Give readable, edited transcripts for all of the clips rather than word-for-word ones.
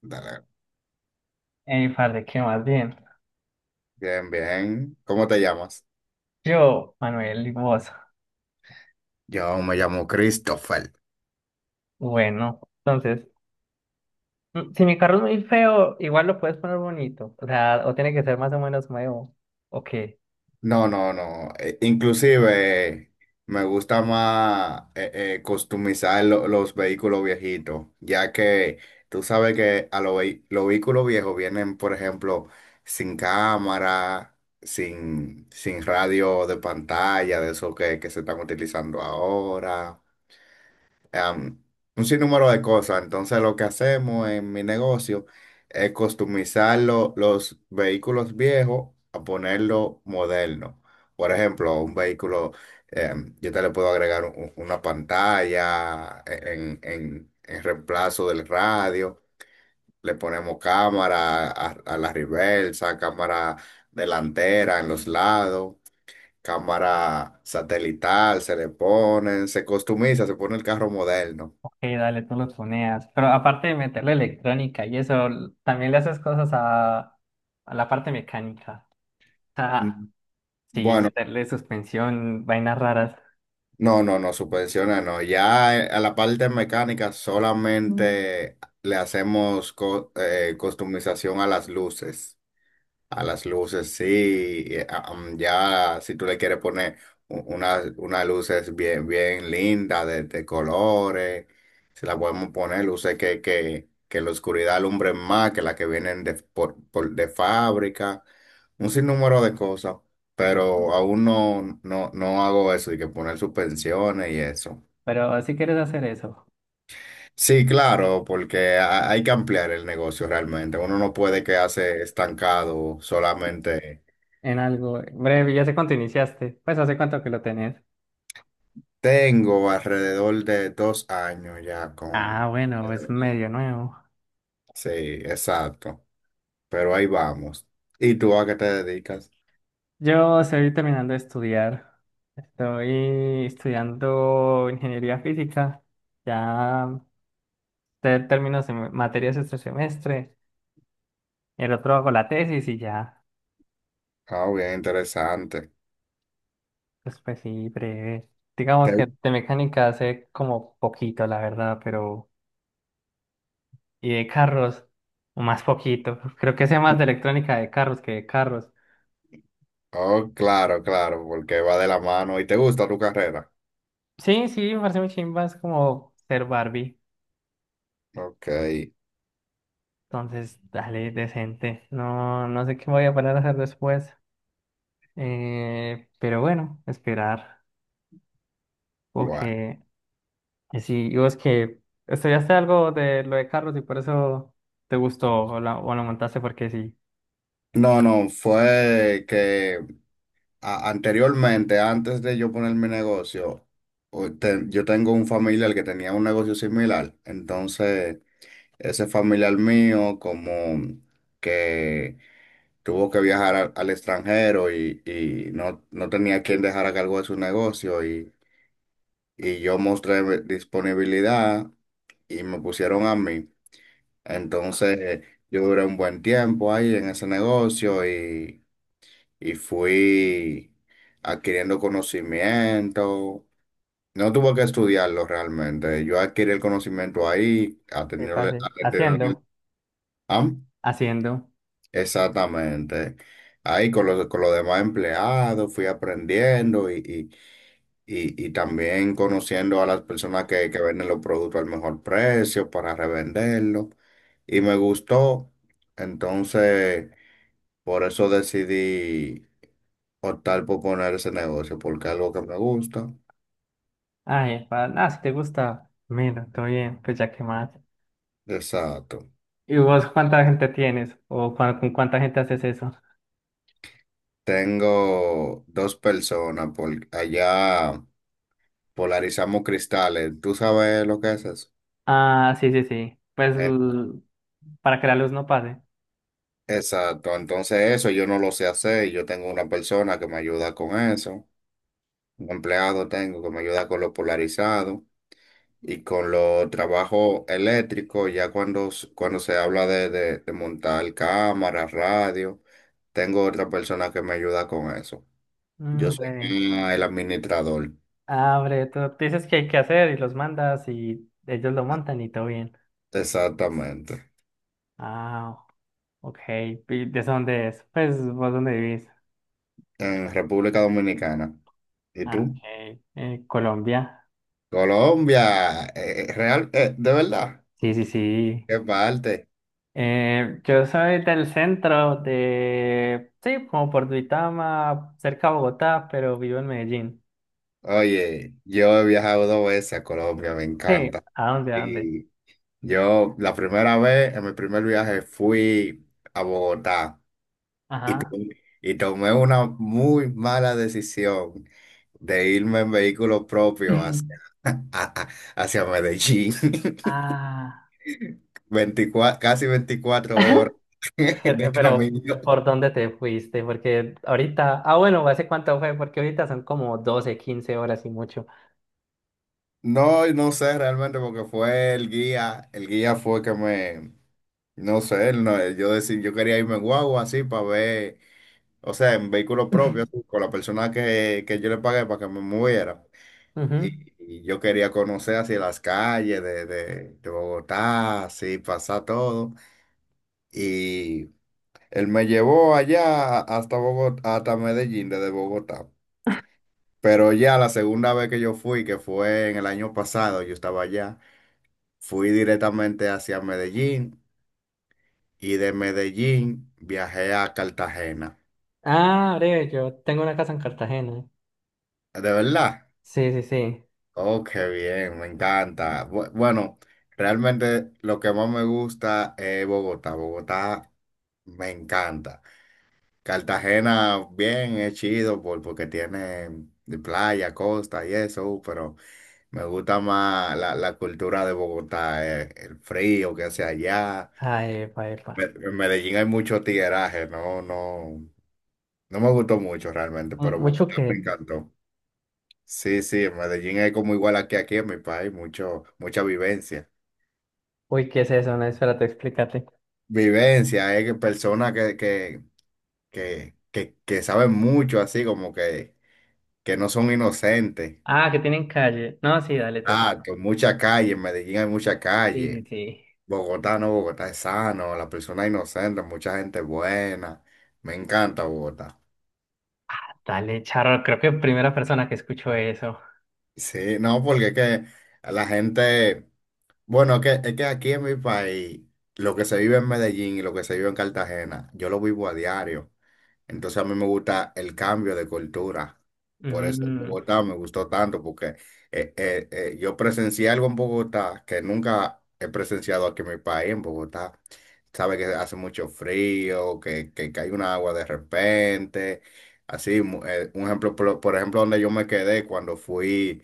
Dale. Ey, parce, que más bien. Bien, bien. ¿Cómo te llamas? Yo, Manuel, ¿y vos? Yo me llamo Christopher. Bueno, entonces, si mi carro es muy feo, ¿igual lo puedes poner bonito? O sea, ¿o tiene que ser más o menos nuevo? Ok, No, no, no. Inclusive me gusta más customizar los vehículos viejitos, ya que tú sabes que a los vehículos viejos vienen, por ejemplo, sin cámara, sin radio de pantalla, de eso que se están utilizando ahora. am, un sinnúmero de cosas. Entonces, lo que hacemos en mi negocio es customizar los vehículos viejos a ponerlo moderno. Por ejemplo, un vehículo, yo te le puedo agregar una pantalla en reemplazo del radio. Le ponemos cámara a la reversa, cámara delantera en los lados, cámara satelital, se le ponen, se customiza, se pone el carro moderno. ok, dale, tú lo tuneas. Pero aparte de meterle electrónica y eso, también le haces cosas a la parte mecánica. O sea, Mm, sí, Bueno, meterle suspensión, vainas raras. no, no, no, suspensiones no. Ya a la parte mecánica solamente le hacemos customización a las luces. A las luces, sí. Ya, si tú le quieres poner unas luces bien, bien lindas, de colores, se las podemos poner, luces que la oscuridad alumbren más que las que vienen de fábrica, un sinnúmero de cosas, pero aún no, no, no hago eso, y que poner suspensiones y eso. Pero si quieres hacer eso Sí, claro, porque hay que ampliar el negocio realmente. Uno no puede quedarse estancado solamente. en algo breve, ya sé cuánto iniciaste. Pues, ¿hace cuánto que lo tenés? Tengo alrededor de 2 años ya Ah, con... bueno, es medio nuevo. Sí, exacto. Pero ahí vamos. ¿Y tú a qué te dedicas? Yo estoy terminando de estudiar. Estoy estudiando ingeniería física. Ya termino materias este semestre. El otro hago la tesis y ya. Ah, bien interesante. Pues, pues sí, breve. Digamos que ¿Te- de mecánica hace como poquito, la verdad, pero. Y de carros, más poquito. Creo que sé más de electrónica de carros que de carros. Oh, claro, claro, porque va de la mano. ¿Y te gusta tu carrera? Sí, sí, me parece muy chimba. Es como ser Barbie. Ok, Entonces, dale, decente. No, no sé qué voy a parar a hacer después. Pero bueno, esperar. bueno. Porque que sí, ¿y vos que estudiaste algo de lo de carros y por eso te gustó o, o lo montaste porque sí? No, no, fue que anteriormente, antes de yo poner mi negocio, yo tengo un familiar que tenía un negocio similar. Entonces, ese familiar mío como que tuvo que viajar al extranjero y no, no tenía quien dejar a cargo de su negocio y yo mostré mi disponibilidad y me pusieron a mí. Entonces yo duré un buen tiempo ahí en ese negocio y fui adquiriendo conocimiento. No tuve que estudiarlo realmente. Yo adquirí el conocimiento ahí, ¿Qué atendiendo, pase? atendiendo. Haciendo. ¿Ah? Haciendo. Exactamente. Ahí con los demás empleados fui aprendiendo y también conociendo a las personas que venden los productos al mejor precio para revenderlos. Y me gustó. Entonces, por eso decidí optar por poner ese negocio, porque es algo que me gusta. Ay, si te gusta, mira, todo bien, pues ya que más. Exacto. ¿Y vos cuánta gente tienes? ¿O con cuánta gente haces eso? Tengo dos personas por allá, polarizamos cristales. ¿Tú sabes lo que es eso? Ah, sí, sí, sí. Pues para que la luz no pase. Exacto, entonces eso yo no lo sé hacer, yo tengo una persona que me ayuda con eso, un empleado tengo que me ayuda con lo polarizado y con los trabajos eléctricos, ya cuando, cuando se habla de montar cámaras, radio, tengo otra persona que me ayuda con eso. Yo Mm, soy breve. más el administrador, Ah, tú dices que hay que hacer y los mandas y ellos lo montan y todo bien. exactamente, Ah, ok. ¿Y de dónde es? Pues, ¿vos dónde vivís? en República Dominicana. ¿Y Ah, tú? ok. Colombia. Colombia, real, de verdad, Sí, sí, sí. qué parte. Yo soy del centro de... Sí, como por Duitama, cerca de Bogotá, pero vivo en Medellín. Oye, yo he viajado dos veces a Colombia, me Sí, encanta. ¿a dónde, a dónde? Y yo la primera vez, en mi primer viaje, fui a Bogotá y, to- Ajá. y tomé una muy mala decisión de irme en vehículo propio hacia, a- a- hacia Medellín. Ah. 24 casi 24 horas de Pero, ¿por camino. dónde te fuiste? Porque ahorita... Ah, bueno, ¿hace cuánto fue? Porque ahorita son como 12, 15 horas y mucho. No, no sé realmente porque fue el guía fue que me, no sé, él no, yo decía, yo quería irme en guagua así para ver, o sea, en vehículo propio, así, con la persona que yo le pagué para que me moviera. Ujú. Y yo quería conocer así las calles de Bogotá, así pasar todo. Y él me llevó allá hasta Bogotá, hasta Medellín, desde Bogotá. Pero ya la segunda vez que yo fui, que fue en el año pasado, yo estaba allá, fui directamente hacia Medellín y de Medellín viajé a Cartagena. Ah, breve, yo tengo una casa en Cartagena. De verdad. Sí, sí, sí. Oh, qué bien, me encanta. Bueno, realmente lo que más me gusta es Bogotá. Bogotá me encanta. Cartagena, bien, es chido porque tiene de playa, costa y eso, pero me gusta más la cultura de Bogotá, el frío que hace allá. Ah, epa, epa. En Medellín hay mucho tigueraje, no, no, no me gustó mucho realmente, Mm, pero mucho Bogotá me que. encantó. Sí, sí, en Medellín es como igual aquí, aquí en mi país, mucho, mucha vivencia. Uy, ¿qué es eso? No, espérate, explícate. Vivencia, es que personas que saben mucho, así como que no son inocentes. Ah, que tienen calle. No, sí, dale, total. Ah, que mucha calle, en Medellín hay mucha Sí, sí, calle. sí. Bogotá no, Bogotá es sano, la persona es inocente, mucha gente buena. Me encanta Bogotá. Dale, charro, creo que primera persona que escucho eso. Sí, no, porque es que a la gente, bueno, es que aquí en mi país, lo que se vive en Medellín y lo que se vive en Cartagena, yo lo vivo a diario. Entonces a mí me gusta el cambio de cultura. Por eso en Mm. Bogotá me gustó tanto, porque yo presencié algo en Bogotá que nunca he presenciado aquí en mi país, en Bogotá. Sabe que hace mucho frío, que cae un agua de repente. Así, un ejemplo, por ejemplo, donde yo me quedé cuando fui,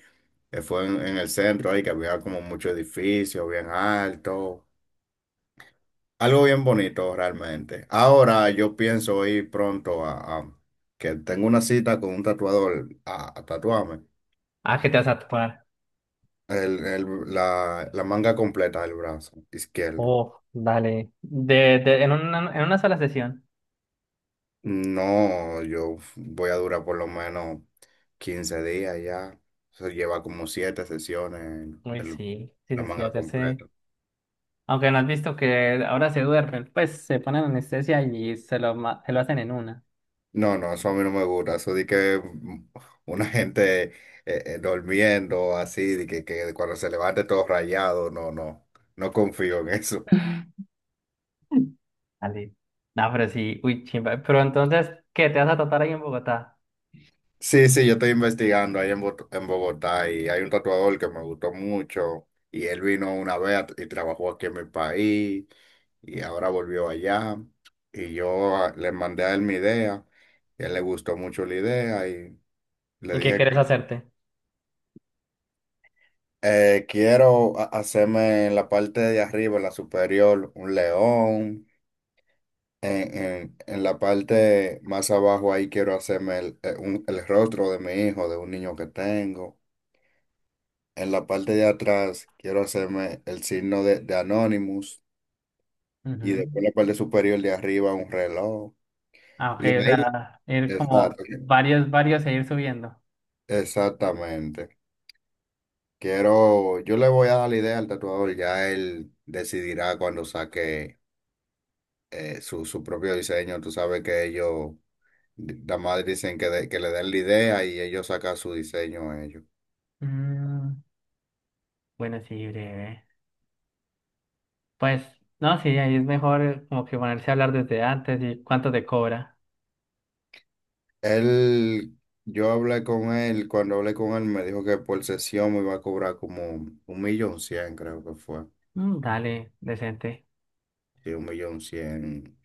fue en el centro ahí, que había como muchos edificios bien altos. Algo bien bonito realmente. Ahora yo pienso ir pronto que tengo una cita con un tatuador a tatuarme Ah, que te vas a topar. el- el- la manga completa del brazo izquierdo. Oh, dale. ¿En una, en una sola sesión? No, yo voy a durar por lo menos 15 días ya. Se lleva como siete sesiones Uy, el- sí, sí, la sí, sí, manga hacerse. completa. ¿Aunque no has visto que ahora se duermen, pues se ponen anestesia y se lo, se lo hacen en una? No, no, eso a mí no me gusta. Eso de que una gente durmiendo así, de que cuando se levante todo rayado, no, no, no confío en eso. Dale, no, pero sí, uy, chimba. Pero entonces, ¿qué te vas a tratar ahí en Bogotá? Sí, sí, yo estoy investigando en Bogotá y hay un tatuador que me gustó mucho y él vino una vez y trabajó aquí en mi país y ahora volvió allá y yo le mandé a él mi idea y a él le gustó mucho la idea y le ¿Y qué dije. quieres hacerte? Quiero hacerme en la parte de arriba, en la superior, un león. En la parte más abajo ahí quiero hacerme el rostro de mi hijo, de un niño que tengo. En la parte de atrás quiero hacerme el signo de Anonymous. Y Ujú. después en la parte superior de arriba un reloj. Ah, ok, Y o ahí, sea, ir como exacto, varios, varios e ir subiendo. exactamente. Quiero, yo le voy a dar la idea al tatuador, ya él decidirá cuando saque su propio diseño. Tú sabes que ellos, nada más dicen que le den la idea y ellos sacan su diseño a ellos. Mm, bueno, sí, breve. Pues, no, sí, ahí es mejor como que ponerse a hablar desde antes y cuánto te cobra. Él, yo hablé con él, cuando hablé con él me dijo que por sesión me iba a cobrar como 1.100.000, creo que fue. Mm, dale, decente. Sí, 1.100.000.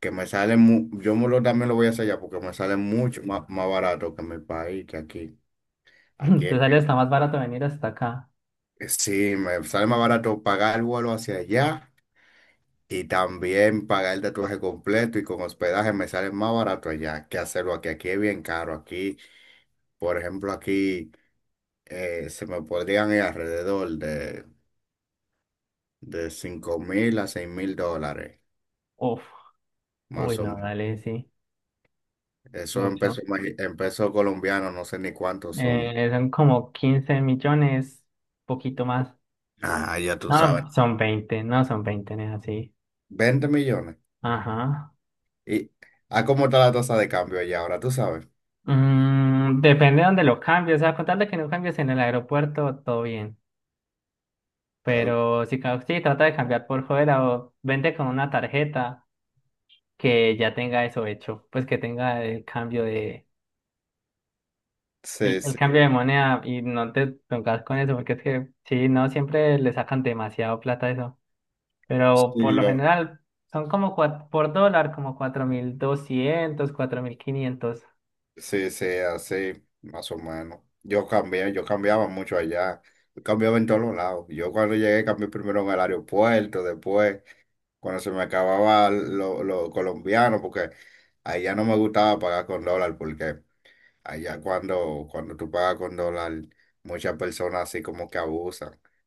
Que me sale, yo me lo, también lo voy a hacer allá porque me sale mucho más, más barato que en mi país, que aquí. Aquí, Te sale hasta más barato venir hasta acá. Sí, me sale más barato pagar el vuelo hacia allá y también pagar el tatuaje completo y con hospedaje me sale más barato allá que hacerlo aquí. Aquí es bien caro. Aquí, por ejemplo, aquí se me podrían ir alrededor de 5.000 a 6.000 dólares, Uf, uy, más o no, menos. dale, sí, Eso en mucho. En pesos colombianos, no sé ni cuántos son. Son como 15 millones, poquito más. Ah, ya tú sabes. No, son 20. No, son 20. No, es así. 20 millones. Ajá. ¿Y a cómo está la tasa de cambio allá ahora? ¿Tú sabes? Mm, depende de dónde lo cambies. O sea, con tal de que no cambies en el aeropuerto, todo bien. Oh, Pero si, si trata de cambiar por fuera o vente con una tarjeta que ya tenga eso hecho, pues que tenga sí, el sí. cambio de moneda y no te pongas con eso, porque es que sí, no siempre le sacan demasiado plata a eso. Pero por Sí, lo general son como por dólar, como cuatro, 4.200, 4.500. sí, sí, así, más o menos. Yo cambié, yo cambiaba mucho allá. Yo cambiaba en todos los lados. Yo cuando llegué cambié primero en el aeropuerto, después cuando se me acababa lo colombiano, porque allá no me gustaba pagar con dólar, porque allá cuando, cuando tú pagas con dólar, muchas personas así como que abusan.